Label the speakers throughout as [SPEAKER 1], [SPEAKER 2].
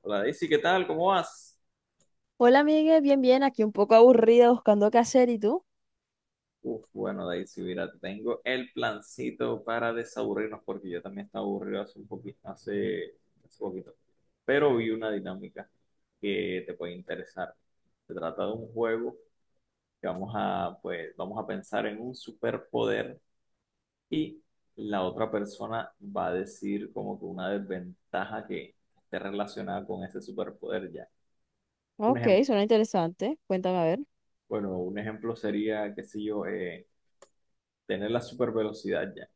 [SPEAKER 1] Hola Daisy, ¿qué tal? ¿Cómo vas?
[SPEAKER 2] Hola, Miguel, bien, bien, aquí un poco aburrida buscando qué hacer, ¿y tú?
[SPEAKER 1] Bueno Daisy, mira, te tengo el plancito para desaburrirnos porque yo también estaba aburrido hace un poquito, hace poquito. Pero vi una dinámica que te puede interesar. Se trata de un juego que vamos a pensar en un superpoder y la otra persona va a decir como que una desventaja que esté relacionada con ese superpoder ya. Un
[SPEAKER 2] Ok,
[SPEAKER 1] ejemplo,
[SPEAKER 2] suena interesante, cuéntame a ver.
[SPEAKER 1] bueno, un ejemplo sería, qué sé yo, tener la super velocidad ya.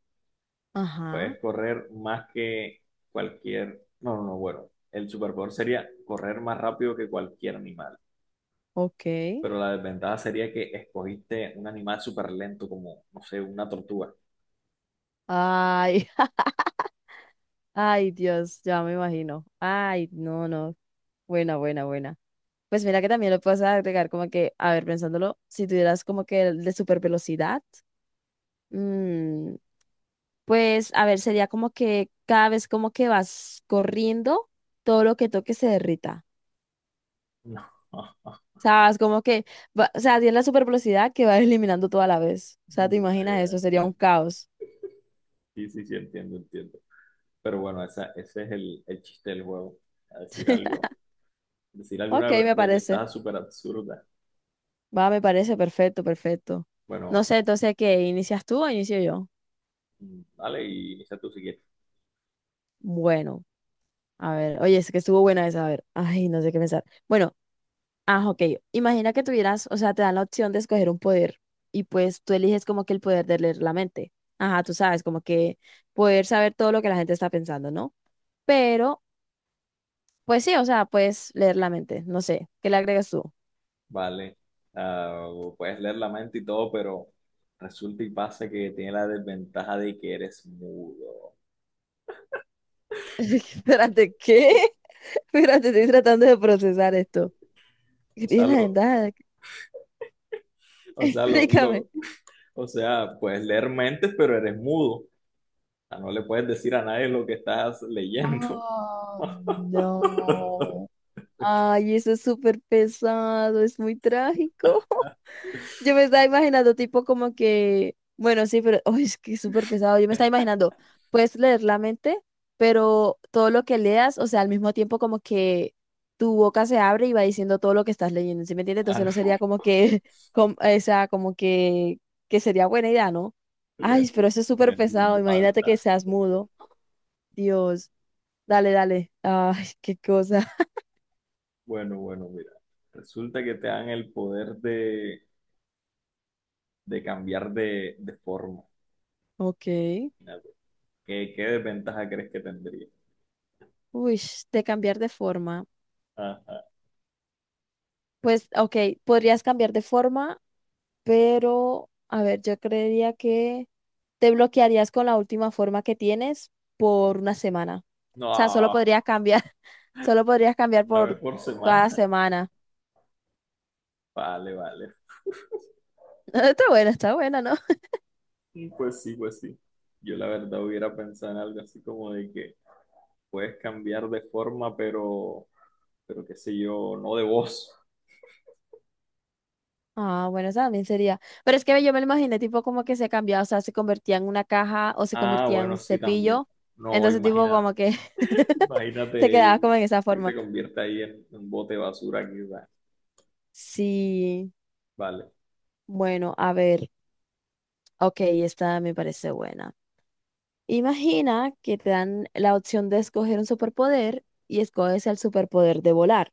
[SPEAKER 2] Ajá,
[SPEAKER 1] Puedes correr más que cualquier. No, no, no, bueno. El superpoder sería correr más rápido que cualquier animal.
[SPEAKER 2] ok.
[SPEAKER 1] Pero la desventaja sería que escogiste un animal súper lento, como, no sé, una tortuga.
[SPEAKER 2] Ay, ay, Dios, ya me imagino. Ay, no, no, buena, buena, buena. Pues mira que también lo puedes agregar como que, a ver, pensándolo, si tuvieras como que el de super velocidad, mm, pues a ver, sería como que cada vez como que vas corriendo, todo lo que toques se derrita.
[SPEAKER 1] No.
[SPEAKER 2] ¿Sabes? Como que, o sea, tiene la super velocidad que va eliminando toda la vez. O sea, ¿te
[SPEAKER 1] Ya,
[SPEAKER 2] imaginas
[SPEAKER 1] ya,
[SPEAKER 2] eso? Sería un
[SPEAKER 1] entiendo.
[SPEAKER 2] caos.
[SPEAKER 1] Sí, sí, sí, entiendo, entiendo. Pero bueno, ese es el chiste del juego. A decir algo. Decir
[SPEAKER 2] Ok,
[SPEAKER 1] alguna
[SPEAKER 2] me parece.
[SPEAKER 1] desventaja súper absurda.
[SPEAKER 2] Va, me parece perfecto, perfecto. No
[SPEAKER 1] Bueno,
[SPEAKER 2] sé, entonces, ¿qué? ¿Inicias tú o inicio yo?
[SPEAKER 1] dale y inicia tú si quieres.
[SPEAKER 2] Bueno, a ver. Oye, es que estuvo buena esa, a ver. Ay, no sé qué pensar. Bueno, ah, ok. Imagina que tuvieras, o sea, te dan la opción de escoger un poder y pues tú eliges como que el poder de leer la mente. Ajá, tú sabes, como que poder saber todo lo que la gente está pensando, ¿no? Pero pues sí, o sea, puedes leer la mente, no sé, ¿qué le agregas tú?
[SPEAKER 1] Vale, Ah, puedes leer la mente y todo, pero resulta y pasa que tiene la desventaja de que eres mudo.
[SPEAKER 2] Espérate, ¿qué? Espérate, estoy tratando de procesar esto. ¿Qué
[SPEAKER 1] O sea,
[SPEAKER 2] tiene la
[SPEAKER 1] lo,
[SPEAKER 2] ventaja?
[SPEAKER 1] o sea, lo,
[SPEAKER 2] Explícame.
[SPEAKER 1] lo- o sea, puedes leer mentes, pero eres mudo. O sea, no le puedes decir a nadie lo que estás leyendo.
[SPEAKER 2] Oh, no. Ay, eso es súper pesado, es muy trágico. Yo me estaba imaginando, tipo, como que, bueno, sí, pero uy, es que es súper pesado. Yo me estaba imaginando, puedes leer la mente, pero todo lo que leas, o sea, al mismo tiempo, como que tu boca se abre y va diciendo todo lo que estás leyendo, ¿sí me entiendes?
[SPEAKER 1] Ah,
[SPEAKER 2] Entonces no
[SPEAKER 1] no,
[SPEAKER 2] sería como que, o sea, como que sería buena idea, ¿no? Ay,
[SPEAKER 1] leerlo,
[SPEAKER 2] pero eso es súper
[SPEAKER 1] leerlo en
[SPEAKER 2] pesado.
[SPEAKER 1] voz
[SPEAKER 2] Imagínate que
[SPEAKER 1] alta.
[SPEAKER 2] seas mudo. Dios, dale, dale. Ay, qué cosa.
[SPEAKER 1] Bueno, bueno, mira. Resulta que te dan el poder de cambiar de forma.
[SPEAKER 2] Ok.
[SPEAKER 1] Imagínate. ¿Qué, qué desventaja crees que tendría?
[SPEAKER 2] Uy, de cambiar de forma.
[SPEAKER 1] Ajá.
[SPEAKER 2] Pues, ok, podrías cambiar de forma pero a ver, yo creería que te bloquearías con la última forma que tienes por una semana. O sea, solo
[SPEAKER 1] No,
[SPEAKER 2] podrías cambiar, solo podrías cambiar
[SPEAKER 1] una
[SPEAKER 2] por
[SPEAKER 1] vez por
[SPEAKER 2] toda la
[SPEAKER 1] semana.
[SPEAKER 2] semana.
[SPEAKER 1] Vale, vale.
[SPEAKER 2] Está buena, ¿no?
[SPEAKER 1] Pues sí, pues sí. Yo la verdad hubiera pensado en algo así como de que puedes cambiar de forma, pero qué sé yo, no de voz.
[SPEAKER 2] Ah, bueno, esa también sería. Pero es que yo me lo imaginé tipo como que se cambiaba, o sea, se convertía en una caja o se
[SPEAKER 1] Ah,
[SPEAKER 2] convertía en un
[SPEAKER 1] bueno, sí, también.
[SPEAKER 2] cepillo.
[SPEAKER 1] No,
[SPEAKER 2] Entonces, tipo
[SPEAKER 1] imagínate.
[SPEAKER 2] como que
[SPEAKER 1] Imagínate
[SPEAKER 2] te quedabas como en esa
[SPEAKER 1] que
[SPEAKER 2] forma.
[SPEAKER 1] te convierta ahí en un bote de basura aquí, va.
[SPEAKER 2] Sí,
[SPEAKER 1] Vale,
[SPEAKER 2] bueno, a ver. Ok, esta me parece buena. Imagina que te dan la opción de escoger un superpoder y escoges el superpoder de volar.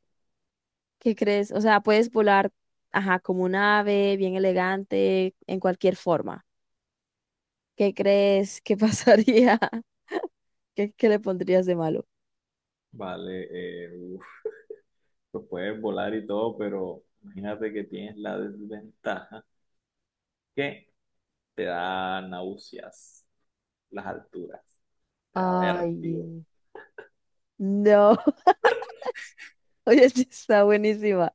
[SPEAKER 2] ¿Qué crees? O sea, puedes volar, ajá, como un ave, bien elegante, en cualquier forma. ¿Qué crees que pasaría? ¿Qué, qué le pondrías de malo?
[SPEAKER 1] vale. Uf, pues puedes volar y todo, pero imagínate que tienes la desventaja que te da náuseas. Las alturas. Te da
[SPEAKER 2] Ay,
[SPEAKER 1] vértigo.
[SPEAKER 2] no, oye, sí está buenísima.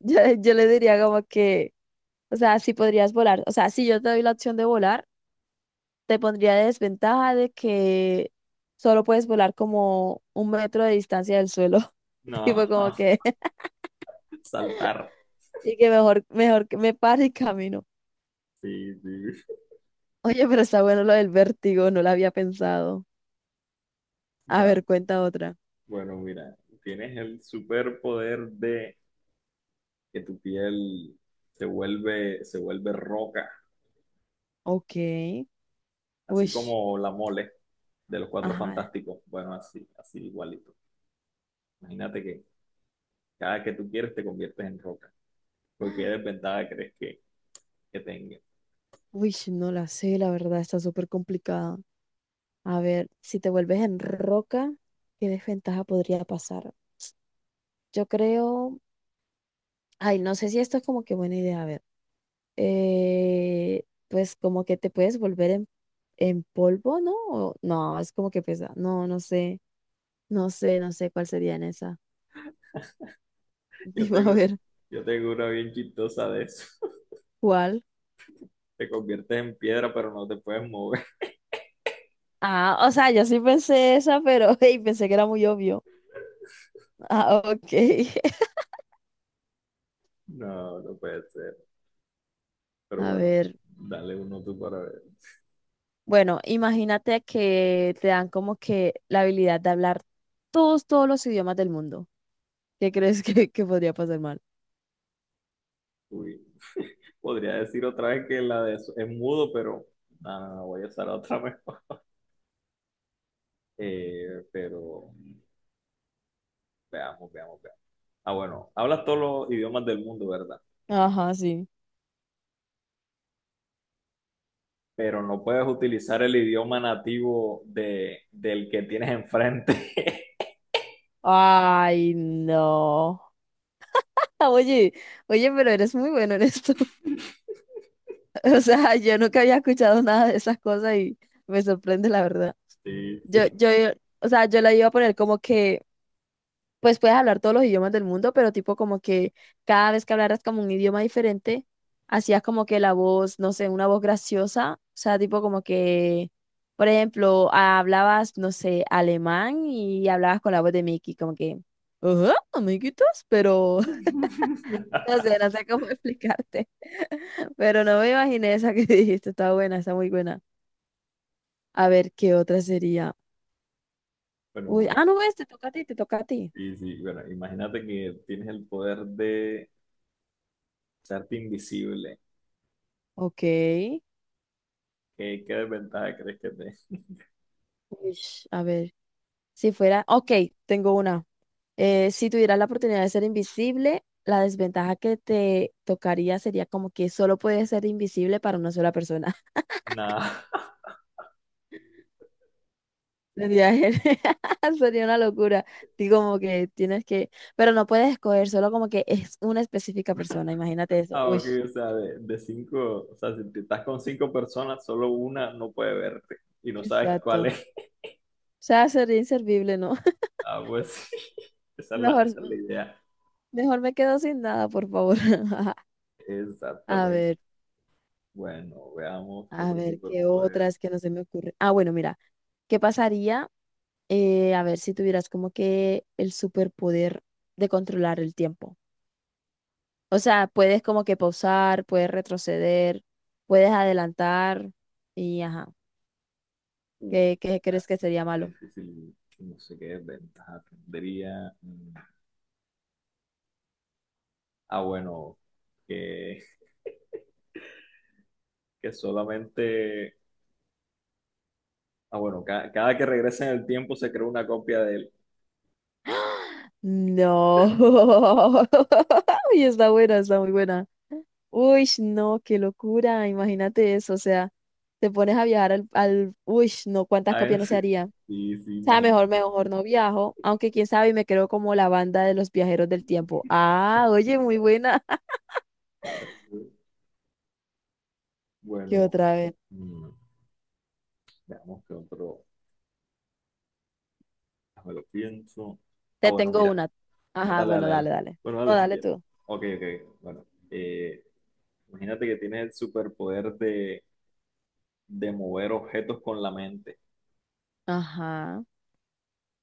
[SPEAKER 2] Yo le diría como que, o sea, sí podrías volar. O sea, si yo te doy la opción de volar. Te pondría de desventaja de que solo puedes volar como un metro de distancia del suelo.
[SPEAKER 1] No,
[SPEAKER 2] Tipo como que,
[SPEAKER 1] saltar.
[SPEAKER 2] y que mejor, mejor que me pare y camino.
[SPEAKER 1] Sí, sí.
[SPEAKER 2] Oye, pero está bueno lo del vértigo, no lo había pensado. A
[SPEAKER 1] Vale.
[SPEAKER 2] ver, cuenta otra.
[SPEAKER 1] Bueno, mira, tienes el superpoder de que tu piel se vuelve roca,
[SPEAKER 2] Ok.
[SPEAKER 1] así
[SPEAKER 2] Uy,
[SPEAKER 1] como la mole de los Cuatro
[SPEAKER 2] ajá.
[SPEAKER 1] Fantásticos. Bueno, así, así igualito. Imagínate que cada que tú quieres te conviertes en roca. Porque qué desventaja crees que tenga?
[SPEAKER 2] Uy, no la sé, la verdad, está súper complicada. A ver, si te vuelves en roca, ¿qué desventaja podría pasar? Yo creo, ay, no sé si esto es como que buena idea, a ver. Pues como que te puedes volver en polvo, ¿no? O- no, es como que pesa. No, no sé, no sé, no sé cuál sería en esa.
[SPEAKER 1] Yo
[SPEAKER 2] Dime a
[SPEAKER 1] tengo,
[SPEAKER 2] ver,
[SPEAKER 1] yo tengo una bien chistosa de eso.
[SPEAKER 2] ¿cuál?
[SPEAKER 1] Te conviertes en piedra, pero no te puedes mover.
[SPEAKER 2] Ah, o sea, yo sí pensé esa, pero hey, pensé que era muy obvio. Ah, ok.
[SPEAKER 1] No, no puede ser. Pero
[SPEAKER 2] A
[SPEAKER 1] bueno,
[SPEAKER 2] ver,
[SPEAKER 1] dale uno tú para ver.
[SPEAKER 2] bueno, imagínate que te dan como que la habilidad de hablar todos, todos los idiomas del mundo. ¿Qué crees que podría pasar mal?
[SPEAKER 1] Uy. Podría decir otra vez que la de es mudo, pero voy a usar otra mejor. Pero veamos, veamos, veamos. Ah, bueno, hablas todos los idiomas del mundo, ¿verdad?
[SPEAKER 2] Ajá, sí.
[SPEAKER 1] Pero no puedes utilizar el idioma nativo de, del que tienes enfrente.
[SPEAKER 2] Ay, no. Oye, oye, pero eres muy bueno en esto. O sea, yo nunca había escuchado nada de esas cosas y me sorprende, la verdad.
[SPEAKER 1] Sí,
[SPEAKER 2] Yo,
[SPEAKER 1] sí.
[SPEAKER 2] yo, o sea, yo la iba a poner como que, pues puedes hablar todos los idiomas del mundo, pero tipo como que cada vez que hablaras como un idioma diferente, hacías como que la voz, no sé, una voz graciosa. O sea, tipo como que, por ejemplo, hablabas, no sé, alemán y hablabas con la voz de Mickey, como que, ajá, amiguitos, pero no sé, no sé cómo explicarte. Pero no me imaginé esa que dijiste, está buena, está muy buena. A ver, ¿qué otra sería?
[SPEAKER 1] Bueno,
[SPEAKER 2] Uy,
[SPEAKER 1] bueno.
[SPEAKER 2] ah, no, este, toca a ti, te toca a ti.
[SPEAKER 1] Sí, sí, bueno, imagínate que tienes el poder de hacerte invisible.
[SPEAKER 2] Ok.
[SPEAKER 1] ¿Qué, qué desventaja crees que te?
[SPEAKER 2] Uish, a ver, si fuera, ok, tengo una. Si tuvieras la oportunidad de ser invisible, la desventaja que te tocaría sería como que solo puedes ser invisible para una sola persona.
[SPEAKER 1] Nada.
[SPEAKER 2] Sería, sería una locura. Digo, como que tienes que, pero no puedes escoger solo como que es una específica persona, imagínate eso.
[SPEAKER 1] Ah,
[SPEAKER 2] Uy,
[SPEAKER 1] ok, o sea, de cinco, o sea, si te estás con cinco personas, solo una no puede verte y no sabes cuál
[SPEAKER 2] exacto. O
[SPEAKER 1] es.
[SPEAKER 2] sea, sería inservible, ¿no?
[SPEAKER 1] Ah, pues sí,
[SPEAKER 2] Mejor,
[SPEAKER 1] esa es la idea.
[SPEAKER 2] mejor me quedo sin nada, por favor. A
[SPEAKER 1] Exactamente.
[SPEAKER 2] ver,
[SPEAKER 1] Bueno, veamos qué
[SPEAKER 2] a
[SPEAKER 1] otro
[SPEAKER 2] ver, ¿qué
[SPEAKER 1] superpoder.
[SPEAKER 2] otras que no se me ocurre? Ah, bueno, mira, ¿qué pasaría? A ver, si tuvieras como que el superpoder de controlar el tiempo. O sea, puedes como que pausar, puedes retroceder, puedes adelantar y ajá.
[SPEAKER 1] Uf,
[SPEAKER 2] ¿Qué, qué crees que sería
[SPEAKER 1] está
[SPEAKER 2] malo?
[SPEAKER 1] difícil, no sé qué ventaja tendría. Ah, bueno, que, que solamente, ah, bueno, cada que regresa en el tiempo se crea una copia de él.
[SPEAKER 2] No. Y está buena, está muy buena. Uy, no, qué locura, imagínate eso, o sea, te pones a viajar al, al, uy, no, cuántas
[SPEAKER 1] Ah,
[SPEAKER 2] copias no
[SPEAKER 1] es-
[SPEAKER 2] se haría. O
[SPEAKER 1] sí, sí,
[SPEAKER 2] sea, mejor,
[SPEAKER 1] imagínate.
[SPEAKER 2] mejor no viajo, aunque quién sabe, y me creo como la banda de los viajeros del tiempo. Ah, oye, muy buena. ¿Qué
[SPEAKER 1] Bueno,
[SPEAKER 2] otra vez?
[SPEAKER 1] mm, veamos qué otro. Me lo pienso. Ah,
[SPEAKER 2] Te
[SPEAKER 1] bueno,
[SPEAKER 2] tengo
[SPEAKER 1] mira.
[SPEAKER 2] una. Ajá,
[SPEAKER 1] Dale,
[SPEAKER 2] bueno,
[SPEAKER 1] dale, dale.
[SPEAKER 2] dale, dale.
[SPEAKER 1] Bueno,
[SPEAKER 2] No,
[SPEAKER 1] dale si
[SPEAKER 2] dale
[SPEAKER 1] quieres.
[SPEAKER 2] tú.
[SPEAKER 1] Ok, ok. Bueno, imagínate que tienes el superpoder de mover objetos con la mente.
[SPEAKER 2] Ajá.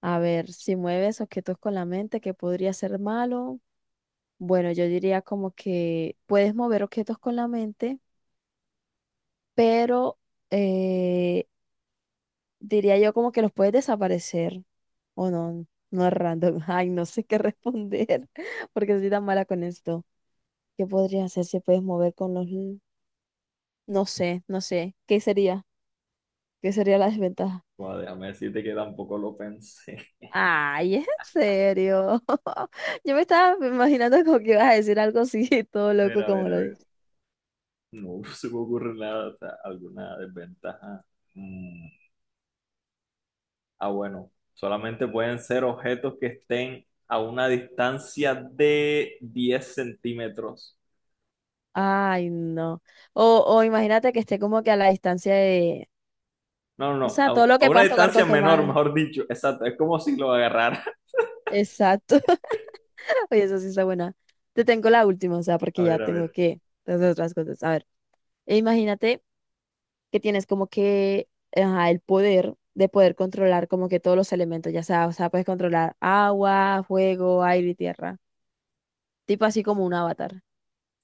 [SPEAKER 2] A ver, si mueves objetos con la mente, ¿qué podría ser malo? Bueno, yo diría como que puedes mover objetos con la mente, pero eh, diría yo como que los puedes desaparecer o no, no es random. Ay, no sé qué responder porque soy tan mala con esto. ¿Qué podría hacer si puedes mover con los... l- No sé, no sé. ¿Qué sería? ¿Qué sería la desventaja?
[SPEAKER 1] Joder, déjame decirte que tampoco lo pensé.
[SPEAKER 2] Ay, ¿en serio? Yo me estaba imaginando como que ibas a decir algo así, todo
[SPEAKER 1] A ver,
[SPEAKER 2] loco
[SPEAKER 1] a
[SPEAKER 2] como
[SPEAKER 1] ver, a
[SPEAKER 2] lo
[SPEAKER 1] ver.
[SPEAKER 2] dices.
[SPEAKER 1] No se me ocurre nada, o sea, alguna desventaja. Mm, Ah, bueno. Solamente pueden ser objetos que estén a una distancia de 10 centímetros.
[SPEAKER 2] Ay, no. O imagínate que esté como que a la distancia de...
[SPEAKER 1] No, no,
[SPEAKER 2] O
[SPEAKER 1] no,
[SPEAKER 2] sea,
[SPEAKER 1] a,
[SPEAKER 2] todo lo
[SPEAKER 1] a
[SPEAKER 2] que
[SPEAKER 1] una
[SPEAKER 2] puedas tocar
[SPEAKER 1] distancia
[SPEAKER 2] con tu
[SPEAKER 1] menor,
[SPEAKER 2] mano.
[SPEAKER 1] mejor dicho. Exacto, es como si lo agarrara.
[SPEAKER 2] Exacto. Oye, eso sí está buena. Te tengo la última, o sea,
[SPEAKER 1] A
[SPEAKER 2] porque ya
[SPEAKER 1] ver, a
[SPEAKER 2] tengo
[SPEAKER 1] ver.
[SPEAKER 2] que hacer otras cosas. A ver, e imagínate que tienes como que ajá, el poder de poder controlar como que todos los elementos, ya sea, o sea, puedes controlar agua, fuego, aire y tierra. Tipo así como un avatar.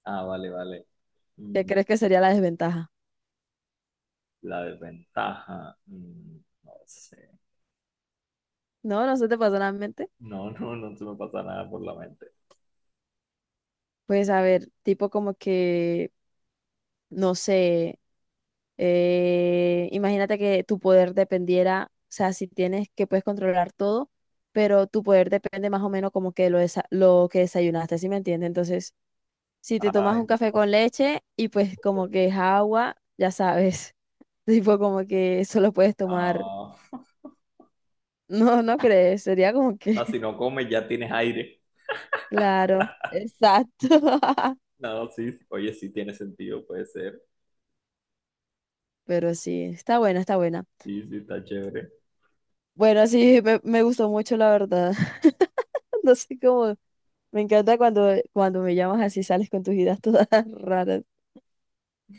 [SPEAKER 1] Ah, vale, vale.
[SPEAKER 2] ¿Qué
[SPEAKER 1] Mm,
[SPEAKER 2] crees que sería la desventaja?
[SPEAKER 1] La desventaja. No sé.
[SPEAKER 2] No, no se te pasó nada en la mente.
[SPEAKER 1] No, no, no se me pasa nada por la mente.
[SPEAKER 2] Pues a ver, tipo como que, no sé. Imagínate que tu poder dependiera, o sea, si tienes que puedes controlar todo, pero tu poder depende más o menos como que lo, lo que desayunaste, ¿sí me entiendes? Entonces, si te tomas
[SPEAKER 1] Ay,
[SPEAKER 2] un café
[SPEAKER 1] no.
[SPEAKER 2] con leche y pues como que es agua, ya sabes, tipo como que solo puedes tomar,
[SPEAKER 1] Ah,
[SPEAKER 2] no, no crees, sería como
[SPEAKER 1] ah,
[SPEAKER 2] que,
[SPEAKER 1] si no comes, ya tienes aire.
[SPEAKER 2] claro, exacto,
[SPEAKER 1] No, sí, sí. Oye, sí tiene sentido, puede ser.
[SPEAKER 2] pero sí, está buena, está buena.
[SPEAKER 1] Sí, sí, está chévere.
[SPEAKER 2] Bueno, sí, me gustó mucho, la verdad. No sé cómo. Me encanta cuando, cuando me llamas así, sales con tus ideas todas raras.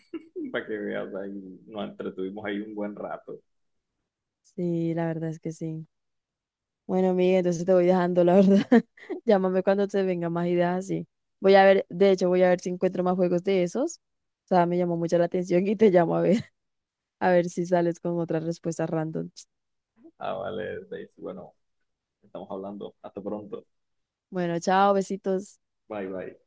[SPEAKER 1] Para que veas, ahí nos entretuvimos ahí un buen rato.
[SPEAKER 2] Sí, la verdad es que sí. Bueno, Miguel, entonces te voy dejando, la verdad. Llámame cuando te vengan más ideas así. Voy a ver, de hecho, voy a ver si encuentro más juegos de esos. O sea, me llamó mucho la atención y te llamo a ver, a ver si sales con otras respuestas random.
[SPEAKER 1] Ah, vale, Daisy. Bueno, estamos hablando. Hasta pronto.
[SPEAKER 2] Bueno, chao, besitos.
[SPEAKER 1] Bye, bye.